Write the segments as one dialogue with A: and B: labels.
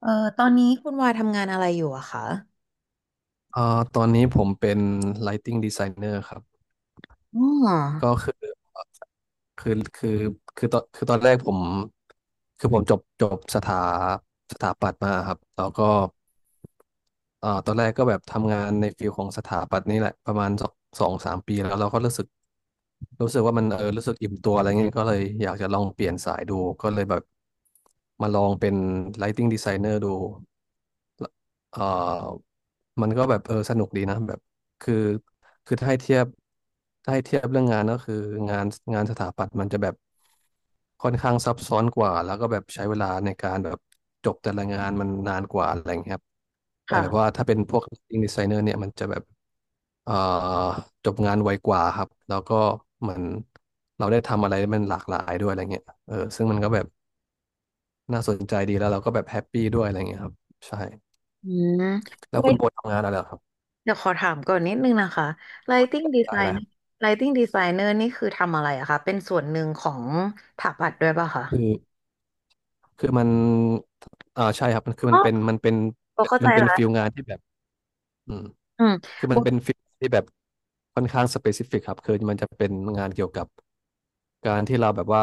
A: เออตอนนี้คุณวาทำงานอะไรอยู่อะคะ
B: เอ่อตอนนี้ผมเป็น Lighting Designer ครับ
A: อ๋
B: ก็
A: อ
B: คือคือคือตอนแรกผมจบสถาปัตย์มาครับแล้วก็ตอนแรกก็แบบทำงานในฟิลของสถาปัตย์นี่แหละประมาณสองสามปีแล้วเราก็รู้สึกว่ามันรู้สึกอิ่มตัวอะไรเงี้ยก็เลยอยากจะลองเปลี่ยนสายดูก็เลยแบบมาลองเป็น Lighting Designer ดู เอ่อมันก็แบบสนุกดีนะแบบคือคือถ้าให้เทียบเรื่องงานก็คืองานงานสถาปัตย์มันจะแบบค่อนข้างซับซ้อนกว่าแล้วก็แบบใช้เวลาในการแบบจบแต่ละงานมันนานกว่าอะไรอย่างเงี้ยครับแต่แบบว่าถ้าเป็นพวกอิงดีไซเนอร์เนี่ยมันจะแบบเอ่อจบงานไวกว่าครับแล้วก็เหมือนเราได้ทำอะไรมันหลากหลายด้วยอะไรเงี้ยซึ่งมันก็แบบน่าสนใจดีแล้วเราก็แบบแฮปปี้ด้วยอะไรเงี้ยครับใช่
A: อืม
B: แล้ว
A: ไล
B: คุณโบทำงานอะไรเหรอครับ
A: เดี๋ยวขอถามก่อนนิดนึงนะคะ Lighting
B: ได้
A: Designer
B: ได้
A: Lighting Designer นี่คือทำอะไรอะคะเป็นส่วนหนึ่งของสถาปัดด้วยป่ะคะ
B: คือคือมันอ่าใช่ครับมันคือ
A: อ๋อโบเข้าใจ
B: มันเป็น
A: ละ
B: ฟิลงานที่แบบ อืม
A: อืม
B: คือ
A: โบ
B: มันเป็นฟิลที่แบบค่อนข้างสเปซิฟิกครับคือมันจะเป็นงานเกี่ยวกับการที่เราแบบว่า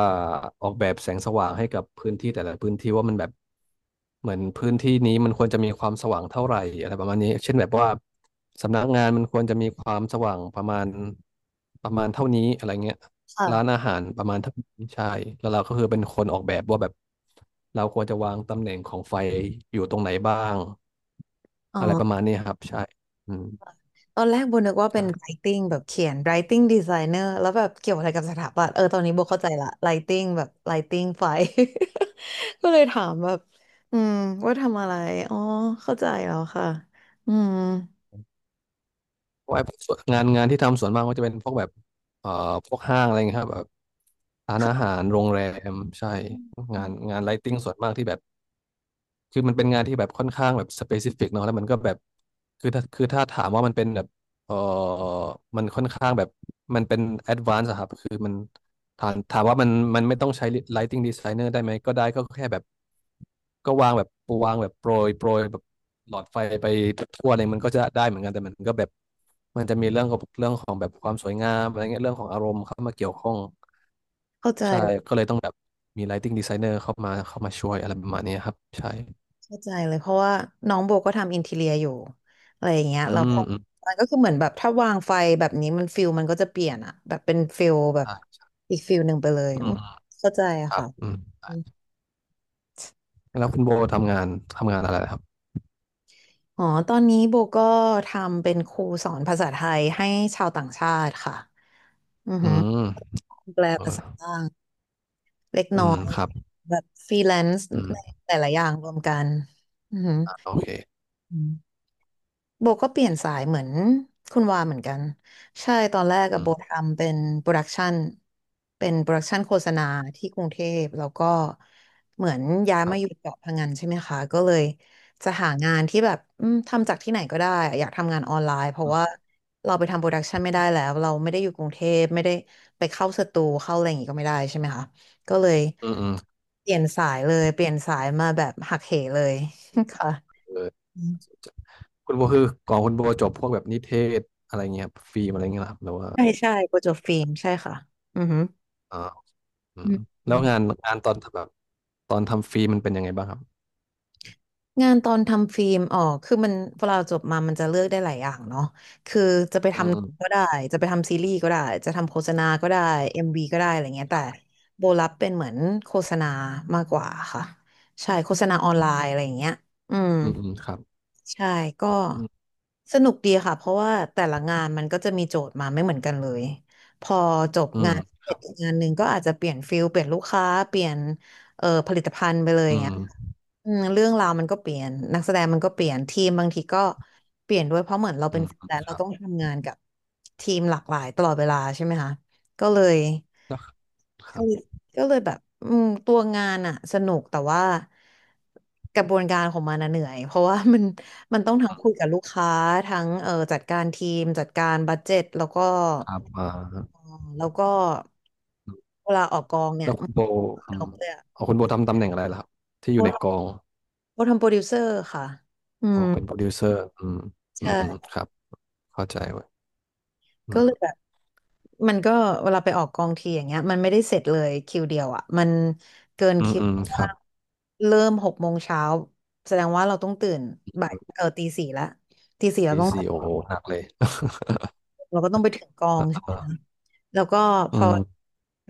B: ออกแบบแสงสว่างให้กับพื้นที่แต่ละพื้นที่ว่ามันแบบเหมือนพื้นที่นี้มันควรจะมีความสว่างเท่าไหร่อะไรประมาณนี้เช่นแบบว่าสำนักงานมันควรจะมีความสว่างประมาณเท่านี้อะไรเงี้ย
A: ค่ะ
B: ร้านอาหารประมาณเท่านี้ใช่แล้วเราก็คือเป็นคนออกแบบว่าแบบเราควรจะวางตำแหน่งของไฟอยู่ตรงไหนบ้าง
A: อ๋อ
B: อะไรประมาณนี้ครับใช่ อืม
A: ตอนแรกโบนึกว่าเป็น
B: ใช่
A: Lighting แบบเขียน Lighting Designer แล้วแบบเกี่ยวอะไรกับสถาปัตย์ตอนนี้โบเข้าใจละ Lighting แบบ Lighting ไฟ ก็เลยถามแบบอืมว่าทำอะไรอ๋อเข้าใจแล้วค่ะอืม
B: เพราะไอ้พวกส่วนงานที่ทำส่วนมากก็จะเป็นพวกแบบเอ่อพวกห้างอะไรเงี้ยครับแบบร้านอาหารโรงแรมใช่งานไลท์ติ้งส่วนมากที่แบบ คือมันเป็นงานที่แบบค่อนข้างแบบสเปซิฟิกเนาะแล้วมันก็แบบคือถ้าถามว่ามันเป็นแบบเออมันค่อนข้างแบบมันเป็นแอดวานซ์ครับคือมันถามว่ามันไม่ต้องใช้ Lighting Designer ได้ไหมก็ได้ก็แค่แบบก็วางแบบโปรยโปรยแบบหลอดไฟไปทั่วเลยมันก็จะได้เหมือนกันแต่มันก็แบบมันจะมีเรื่องของแบบความสวยงามอะไรเงี้ยเรื่องของอารมณ์เข้ามาเกี่ยวข้อง
A: เข้าใจ
B: ใช่ก็เลยต้องแบบมี lighting designer เข้ามาช่วยอะไรประมาณเนี้ครับใช่
A: เข้าใจเลยเพราะว่าน้องโบก็ทำอินทีเรียอยู่อะไรอย่างเงี้ย
B: อื
A: เราก็
B: มอืม
A: มันก็คือเหมือนแบบถ้าวางไฟแบบนี้มันฟิลมันก็จะเปลี่ยนอะแบบเป็นฟิลแบบ
B: ใช่ะ
A: อีกฟิลหนึ่งไปเลย
B: อื
A: อื
B: ม
A: ม
B: อืม
A: เข้าใจ
B: ค
A: อะ
B: รับ
A: ค่ะ
B: อืม
A: อม
B: แล้วคุณโบทำงานอะไรครับ
A: อ๋อตอนนี้โบก็ทำเป็นครูสอนภาษาไทยให้ชาวต่างชาติค่ะอือ
B: อื
A: หือ
B: ม
A: แปล
B: ออ
A: ภา
B: อ
A: ษาบ้างเล็ก
B: อื
A: น้อ
B: ม
A: ย
B: ครับ
A: แบบฟรีแลนซ์
B: อืม
A: หลายๆอย่างรวมกันอือหื
B: อ่ะโอเค
A: อ โบก็เปลี่ยนสายเหมือนคุณวาเหมือนกันใช่ตอนแรกกั
B: อื
A: บโบ
B: ม
A: ทำเป็นโปรดักชันเป็นโปรดักชันโฆษณาที่กรุงเทพแล้วก็เหมือนย้าย
B: ครั
A: มาอยู่
B: บ
A: เกาะพะงันใช่ไหมคะก็เลยจะหางานที่แบบอืมทำจากที่ไหนก็ได้อยากทำงานออนไลน์เพราะ
B: อื
A: ว่าเราไปทำโปรดักชันไม่ได้แล้วเราไม่ได้อยู่กรุงเทพไม่ได้ไปเข้าสตูเข้าอะไรอย่างงี้ก็ไม่ได้ใช่ไหมคะก็เลย
B: มอืม
A: เปลี่ยนสายเลยเปลี่ยนสายมาแบบหักเหเลย ค่ะ
B: เออคุณโบคือก่อนคุณโบจบพวกแบบนิเทศอะไรเงี้ยครัฟิล์มอะไรเงี้ยเหรอครับหรือว่า
A: ใช่ใช่โปรเจกต์ฟิล์มใช่ค่ะอือหือ
B: อ่าอื
A: อื
B: มแล้ว
A: ม
B: งานตอนแบบตอนทำฟิล์มมันเป็นยังไงบ้างครับ
A: งานตอนทำฟิล์มอ๋อคือมันเวลาจบมามันจะเลือกได้หลายอย่างเนาะคือจะไป
B: อืม
A: ทำหนั
B: อืม
A: งก็ได้จะไปทำซีรีส์ก็ได้จะทำโฆษณาก็ได้เอ็มวีก็ได้อะไรเงี้ยแต่โบรับเป็นเหมือนโฆษณามากกว่าค่ะใช่โฆษณาออนไลน์อะไรอย่างเงี้ยอืม
B: อืมอืมครับ
A: ใช่ก็
B: อืม
A: สนุกดีค่ะเพราะว่าแต่ละงานมันก็จะมีโจทย์มาไม่เหมือนกันเลยพอจบ
B: อื
A: งา
B: ม
A: นเสร็จอีกงานหนึ่งก็อาจจะเปลี่ยนฟิลเปลี่ยนลูกค้าเปลี่ยน ผลิตภัณฑ์ไปเลยอ
B: อื
A: ย่างเงี้
B: ม
A: ยอืมเรื่องราวมันก็เปลี่ยนนักแสดงมันก็เปลี่ยนทีมบางทีก็เปลี่ยนด้วยเพราะเหมือนเรา
B: อื
A: เป็น
B: ม
A: ฟรีแลนซ์
B: ค
A: เรา
B: รับ
A: ต้องทำงานกับทีมหลากหลายตลอดเวลาใช่ไหมคะก็เลย
B: แล้วครับ
A: ก็เลยก็เลยแบบอืมตัวงานอะสนุกแต่ว่ากระบวนการของมันอะเหนื่อยเพราะว่ามัน มันต้องทั้งคุยกับลูกค้าทั้งจัดการทีมจัดการบัดเจ็ตแล้วก็
B: ครับอ่า
A: เออแล้วก็เวลาออกกองเนี่
B: แล้
A: ย
B: วคุณโบอื
A: ล
B: ม
A: งเลยอะ
B: เอาคุณโบทำตำแหน่งอะไรล่ะครับที่อยู่ในกอง
A: โบทำโปรดิวเซอร์ค่ะอื
B: อ๋อ
A: ม
B: เป็นโปรดิวเซอร์อืมอืมอืม
A: ใช่
B: ครับเข้าใจเว้ยอื
A: ก็เลยแบ
B: ม
A: บมันก็เวลาไปออกกองทีอย่างเงี้ยมันไม่ได้เสร็จเลยคิวเดียวอ่ะมันเกิน
B: อืม
A: คิว
B: อืมครั
A: ว่า
B: บ
A: เริ่ม6 โมงเช้าแสดงว่าเราต้องตื่นบ่ายตีสี่ละตีสี่เรา
B: ดี
A: ต้อง
B: ซี
A: ตื่
B: โอ
A: น
B: หนักเลย
A: เราก็ต้องไปถึงกอง ใช่
B: อ่า
A: ไหมคะแล้วก็พ
B: อื
A: อ
B: ม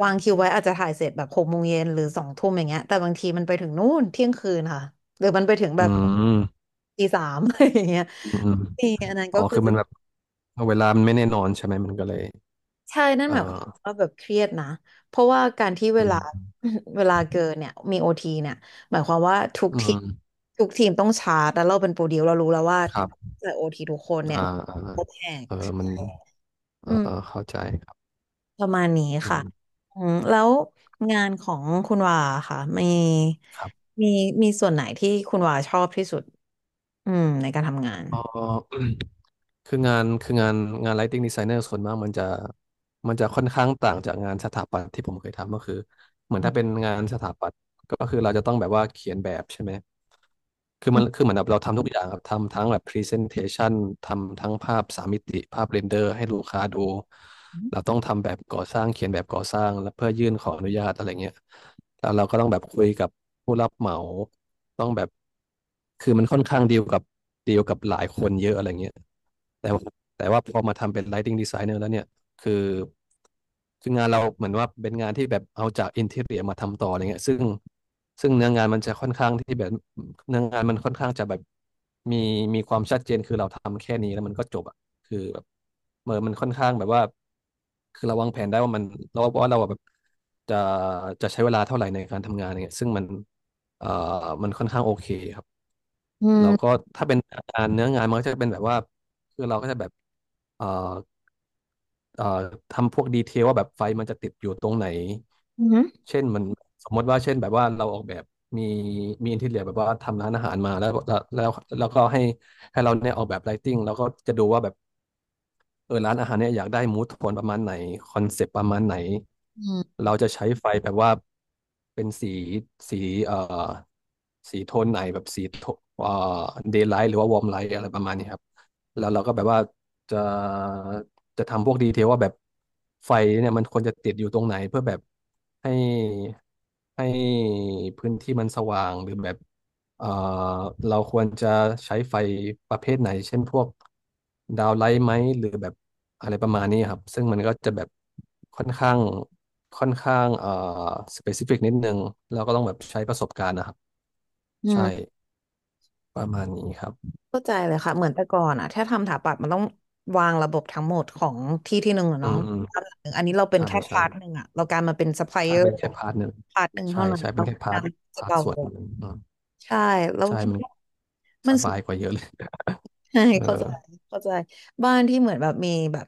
A: วางคิวไว้อาจจะถ่ายเสร็จแบบ6 โมงเย็นหรือ2 ทุ่มอย่างเงี้ยแต่บางทีมันไปถึงนู่นเที่ยงคืนค่ะหรือมันไปถึง
B: อื
A: แบบ
B: มอืม
A: ตี 3 อะไรอย่างเงี้ย
B: อืม
A: นี่อันนั้น
B: อ๋
A: ก็
B: อ
A: คือ
B: คือมันแบบเวลามันไม่แน่นอนใช่ไหมมันก็เลย
A: ใช่นั่น
B: เอ
A: หมายความ
B: อ
A: ว่าแบบเครียดนะเพราะว่าการที่เว
B: อื
A: ลา
B: ม
A: เวลาเกินเนี่ยมีโอทีเนี่ยหมายความว่าทุก
B: อื
A: ทีม
B: ม
A: ทุกทีมต้องชาร์จแล้วเราเป็นโปรดิวเรารู้แล้วว่า
B: ครับ
A: จ่ายโอทีทุกคนเนี่ย
B: อ่าอ่า
A: จะแต
B: เออ
A: ก
B: มันเอ
A: อื
B: อ
A: ม
B: เออเข้าใจครับ
A: ประมาณนี้
B: อื
A: ค่ะ
B: ม
A: อืมแล้วงานของคุณวาค่ะมี
B: ครับ
A: มีมีส่วนไหนที่คุณวาชอบที่สุดอืมในการทำงาน
B: อ๋อ คืองานคืองานงาน lighting designer ส่วนมากมันจะค่อนข้างต่างจากงานสถาปัตย์ที่ผมเคยทำก็คือเหมือนถ้าเป็นงานสถาปัตย์ก็คือเราจะต้องแบบว่าเขียนแบบใช่ไหม คือเหมือนแบบเราทำทุกอย่างครับทำทั้งแบบ Presentation ทำทั้งภาพสามมิติภาพเรนเดอร์ให้ลูกค้าดูเราต้องทำแบบก่อสร้างเขียนแบบก่อสร้างแล้วเพื่อยื่นขออนุญาตอะไรเงี้ยแล้วเราก็ต้องแบบคุยกับผู้รับเหมาต้องแบบคือมันค่อนข้างดีลกับหลายคนเยอะอะไรเงี้ยแต่ว่าแต่ว่าพอมาทำเป็น Lighting Designer แล้วเนี่ย คือคืองานเราเหมือนว่าเป็นงานที่แบบเอาจากอินทีเรียมาทำต่ออะไรเงี้ยซึ่งเนื้องานมันจะค่อนข้างที่แบบเนื้องานมันค่อนข้างจะแบบมีมีความชัดเจนคือเราทำแค่นี้แล้วมันก็จบอ่ะคือแบบเมื่อมันค่อนข้างแบบว่าคือเราวางแผนได้ว่ามันเราว่าเราอะแบบจะจะใช้เวลาเท่าไหร่ในการทำงานอะไรเงี้ยซึ่งมันเอ่อมันค่อนข้างโอเคครับ
A: อื
B: แล้วก็
A: ม
B: ถ้าเป็นงานเนื้องานมันก็จะเป็นแบบว่าคือเราก็จะแบบเอ่อ เอ่อทำพวกดีเทลว่าแบบไฟมันจะติดอยู่ตรงไหน
A: อืม
B: เช่นมันสมมติว่าเช่นแบบว่าเราออกแบบมีมีอินทีเรียแบบว่าทำร้านอาหารมาแล้วแล้วก็ให้เราเนี่ยออกแบบไลติ้งแล้วก็จะดูว่าแบบ เออร้านอาหารเนี่ยอยากได้มูดโทนประมาณไหนคอนเซปต์ประมาณไหน
A: อืม
B: เราจะใช้ไฟแบบว่าเป็นสีเอ่อสีโทนไหนแบบสีโทเอ่อเดย์ไลท์หรือว่าวอร์มไลท์อะไรประมาณนี้ครับแล้วเราก็แบบว่าจะจะทำพวกดีเทลว่าแบบไฟเนี่ยมันควรจะติดอยู่ตรงไหนเพื่อแบบให้ให้พื้นที่มันสว่างหรือแบบ เอ่อเราควรจะใช้ไฟประเภทไหน เช่นพวกดาวไลท์ไหมหรือแบบอะไรประมาณนี้ครับ ซึ่งมันก็จะแบบค่อนข้างค่อนข้างสเปซิฟิกนิดนึงเราก็ต้องแบบใช้ประสบการณ์นะครับ
A: อื
B: ใช่
A: ม
B: ประมาณนี้ครับ
A: เข้าใจเลยค่ะเหมือนแต่ก่อนอะถ้าทำสถาปัตย์มันต้องวางระบบทั้งหมดของที่ที่หนึ่งอะ
B: อื
A: เนาะ
B: มอืม
A: บ้านหลังหนึ่งอันนี้เราเป็น
B: ใช่
A: แค่
B: ใช่
A: พาร์ทหนึ่งอะเราการมาเป็นซัพพลายเอ
B: ใช่
A: อ
B: เป็
A: ร์
B: นแค่พาร์ทหนึ่ง
A: พาร์ทหนึ่ง
B: ใช่
A: เท่านั้น
B: ใช่
A: แล้
B: เป็นแค่พา
A: งา
B: ร์ท
A: นจะ
B: พาร์ท
A: เบา
B: ส่ว
A: ล
B: น
A: ง
B: หนึ่งอืม
A: ใช่เรา
B: ใช่
A: คิด
B: มัน
A: ว่า
B: ส
A: มันสุ
B: บา
A: ด
B: ยกว่าเยอะเลย
A: ใช่เข้าใจ
B: เออ
A: เข้าใจบ้านที่เหมือนแบบมีแบบ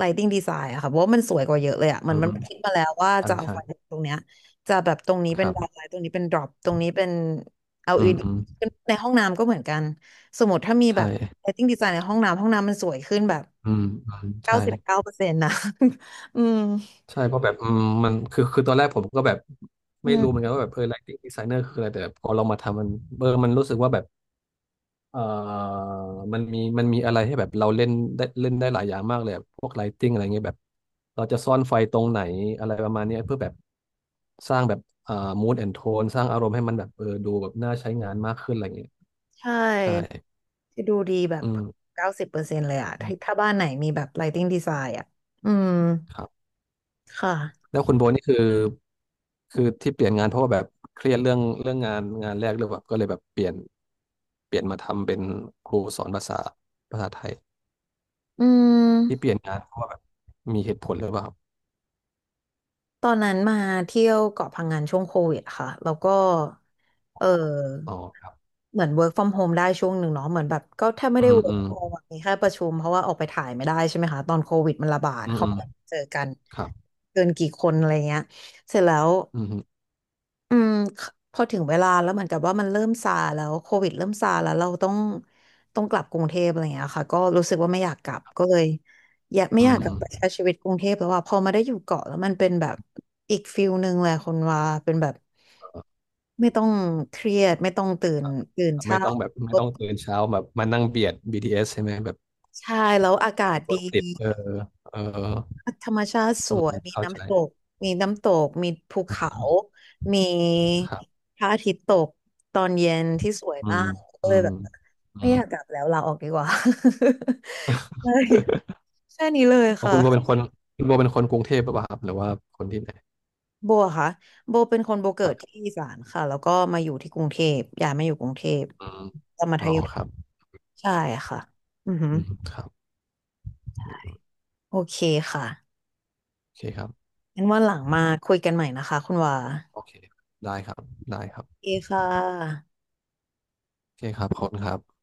A: lighting design อะค่ะเพราะว่ามันสวยกว่าเยอะเลยอะมั
B: อื
A: น
B: ม
A: มัน
B: อืม
A: คิดมาแล้วว่า
B: ใช่
A: จะเอา
B: ใช่
A: ไฟตรงเนี้ยจะแบบตรงนี้
B: ค
A: เป็น
B: รับ
A: dark light ตรงนี้เป็น drop ตรงนี้เป็น
B: อืม
A: LED
B: อืม
A: ในห้องน้ำก็เหมือนกันสมมติถ้ามีแบ
B: ใช่
A: บ lighting design ในห้องน้ำห้องน้ำมันสวยขึ้นแบบ
B: อืมอืม
A: เก้า
B: ใช่
A: สิบเก้าเปอร์เซ็นต์นะ อืม
B: ใช่เพราะแบบอืมมันคือคือตอนแรกผมก็แบบ
A: อื
B: ไม่รู้เหมือน
A: ม
B: กันว่าแบบเออ lighting designer คืออะไรแต่พอเรามาทำมันเออมันรู้สึกว่าแบบเออมันมีอะไรให้แบบเราเล่นได้เล่นได้หลายอย่างมากเลยอะพวก lighting อะไรเงี้ยแบบเราจะซ่อนไฟตรงไหนอะไรประมาณเนี้ยเพื่อแบบสร้างแบบmood and tone สร้างอารมณ์ให้มันแบบเออดูแบบน่าใช้งานมากขึ้นอะไรเงี้ย
A: ใช
B: ใช่
A: ่จะดูดีแบบ
B: อืม
A: 90%เลยอะถ้าถ้าบ้านไหนมีแบบ lighting design อะอืม
B: ครับ
A: ค่ะ
B: แล้วคุณโบนี่คือคือที่เปลี่ยนงานเพราะว่าแบบเครียดเรื่องเรื่องงานงานแรกหรือแบบก็เลยแบบเปลี่ยนมาทำเป็นครูสอนภาษาภาษาไทย
A: อื
B: ที่เป
A: ม
B: ลี่ยนงานเพราะว่าแบบมีเหตุผลหรือเปล่าครับ
A: ตอนนั้นมาเที่ยวเกาะพังงานช่วงโควิดค่ะแล้วก็เออ
B: อ๋อครับ
A: เหมือน work from home ได้ช่วงหนึ่งเนาะเหมือนแบบก็แทบไม่
B: อื
A: ได้
B: มอื
A: work
B: ม
A: from home อะมีแค่ประชุมเพราะว่าออกไปถ่ายไม่ได้ใช่ไหมคะตอนโควิดมันระบาด
B: อืม
A: เขา
B: อืม
A: ไม่เจอกัน
B: ครับ
A: เกินกี่คนอะไรเงี้ยเสร็จแล้ว
B: อืม
A: อืมคพอถึงเวลาแล้วเหมือนกับว่ามันเริ่มซาแล้วโควิดเริ่มซาแล้วเราต้องกลับกรุงเทพอะไรอย่างเงี้ยค่ะก็รู้สึกว่าไม่อยากกลับก็เลยอยากไม่
B: อื
A: อยากกลับไปใช้
B: ม
A: ชีวิตกรุงเทพแล้วว่าพอมาได้อยู่เกาะแล้วมันเป็นแบบอีกฟิลหนึ่งเลยคนว่าเป็นแบบ
B: เอ่อ
A: ไม่ต้องเครียดไม่ต้องตื่นตื่น
B: ไม่
A: เช้า
B: ต้องแบบไม่ต้องตื่นเช้าแบบมานั่งเบียด BTS ใช่ไหมแบบ
A: ใช่แล้วอากาศ
B: ร
A: ดี
B: ถติดเออเออ
A: ธรรมชาติส
B: อืม
A: วย
B: อืม
A: มี
B: เข้าใจ
A: น้ำตกมีน้ำตกมีภู
B: อื
A: เขา
B: ม
A: มี
B: ครับ
A: พระอาทิตย์ตกตอนเย็นที่สวย
B: อื
A: มา
B: ม
A: กก็
B: อื
A: เลย
B: ม
A: แบบ
B: อื
A: ไม่
B: ม
A: อยากกลับแล้วลาออกดีกว่า ใช่แค่นี้เลย
B: อ๋อ
A: ค่ะ
B: คุณโบเป็นคนคุณโบเป็นคนกรุงเทพหรือเปล่าครับหรือว่าคนที่ไหน
A: โบอะค่ะโบเป็นคนโบเกิ
B: ครั
A: ดที่
B: บ
A: อีสานค่ะแล้วก็มาอยู่ที่กรุงเทพย้ายมาอยู่กรุงเทพ
B: อืม
A: ตอนมัธ
B: อ๋อ
A: ยม
B: ครับ
A: ใช่ค่ะอือหือ
B: อืมครับ
A: ใช่โอเคค่ะ
B: โอเคครับ
A: งั้นวันหลังมาคุยกันใหม่นะคะคุณวา
B: โอเคได้ครับได้
A: โอ
B: ครับ
A: เคค่ะ
B: โอเคครับขอบคุณครับ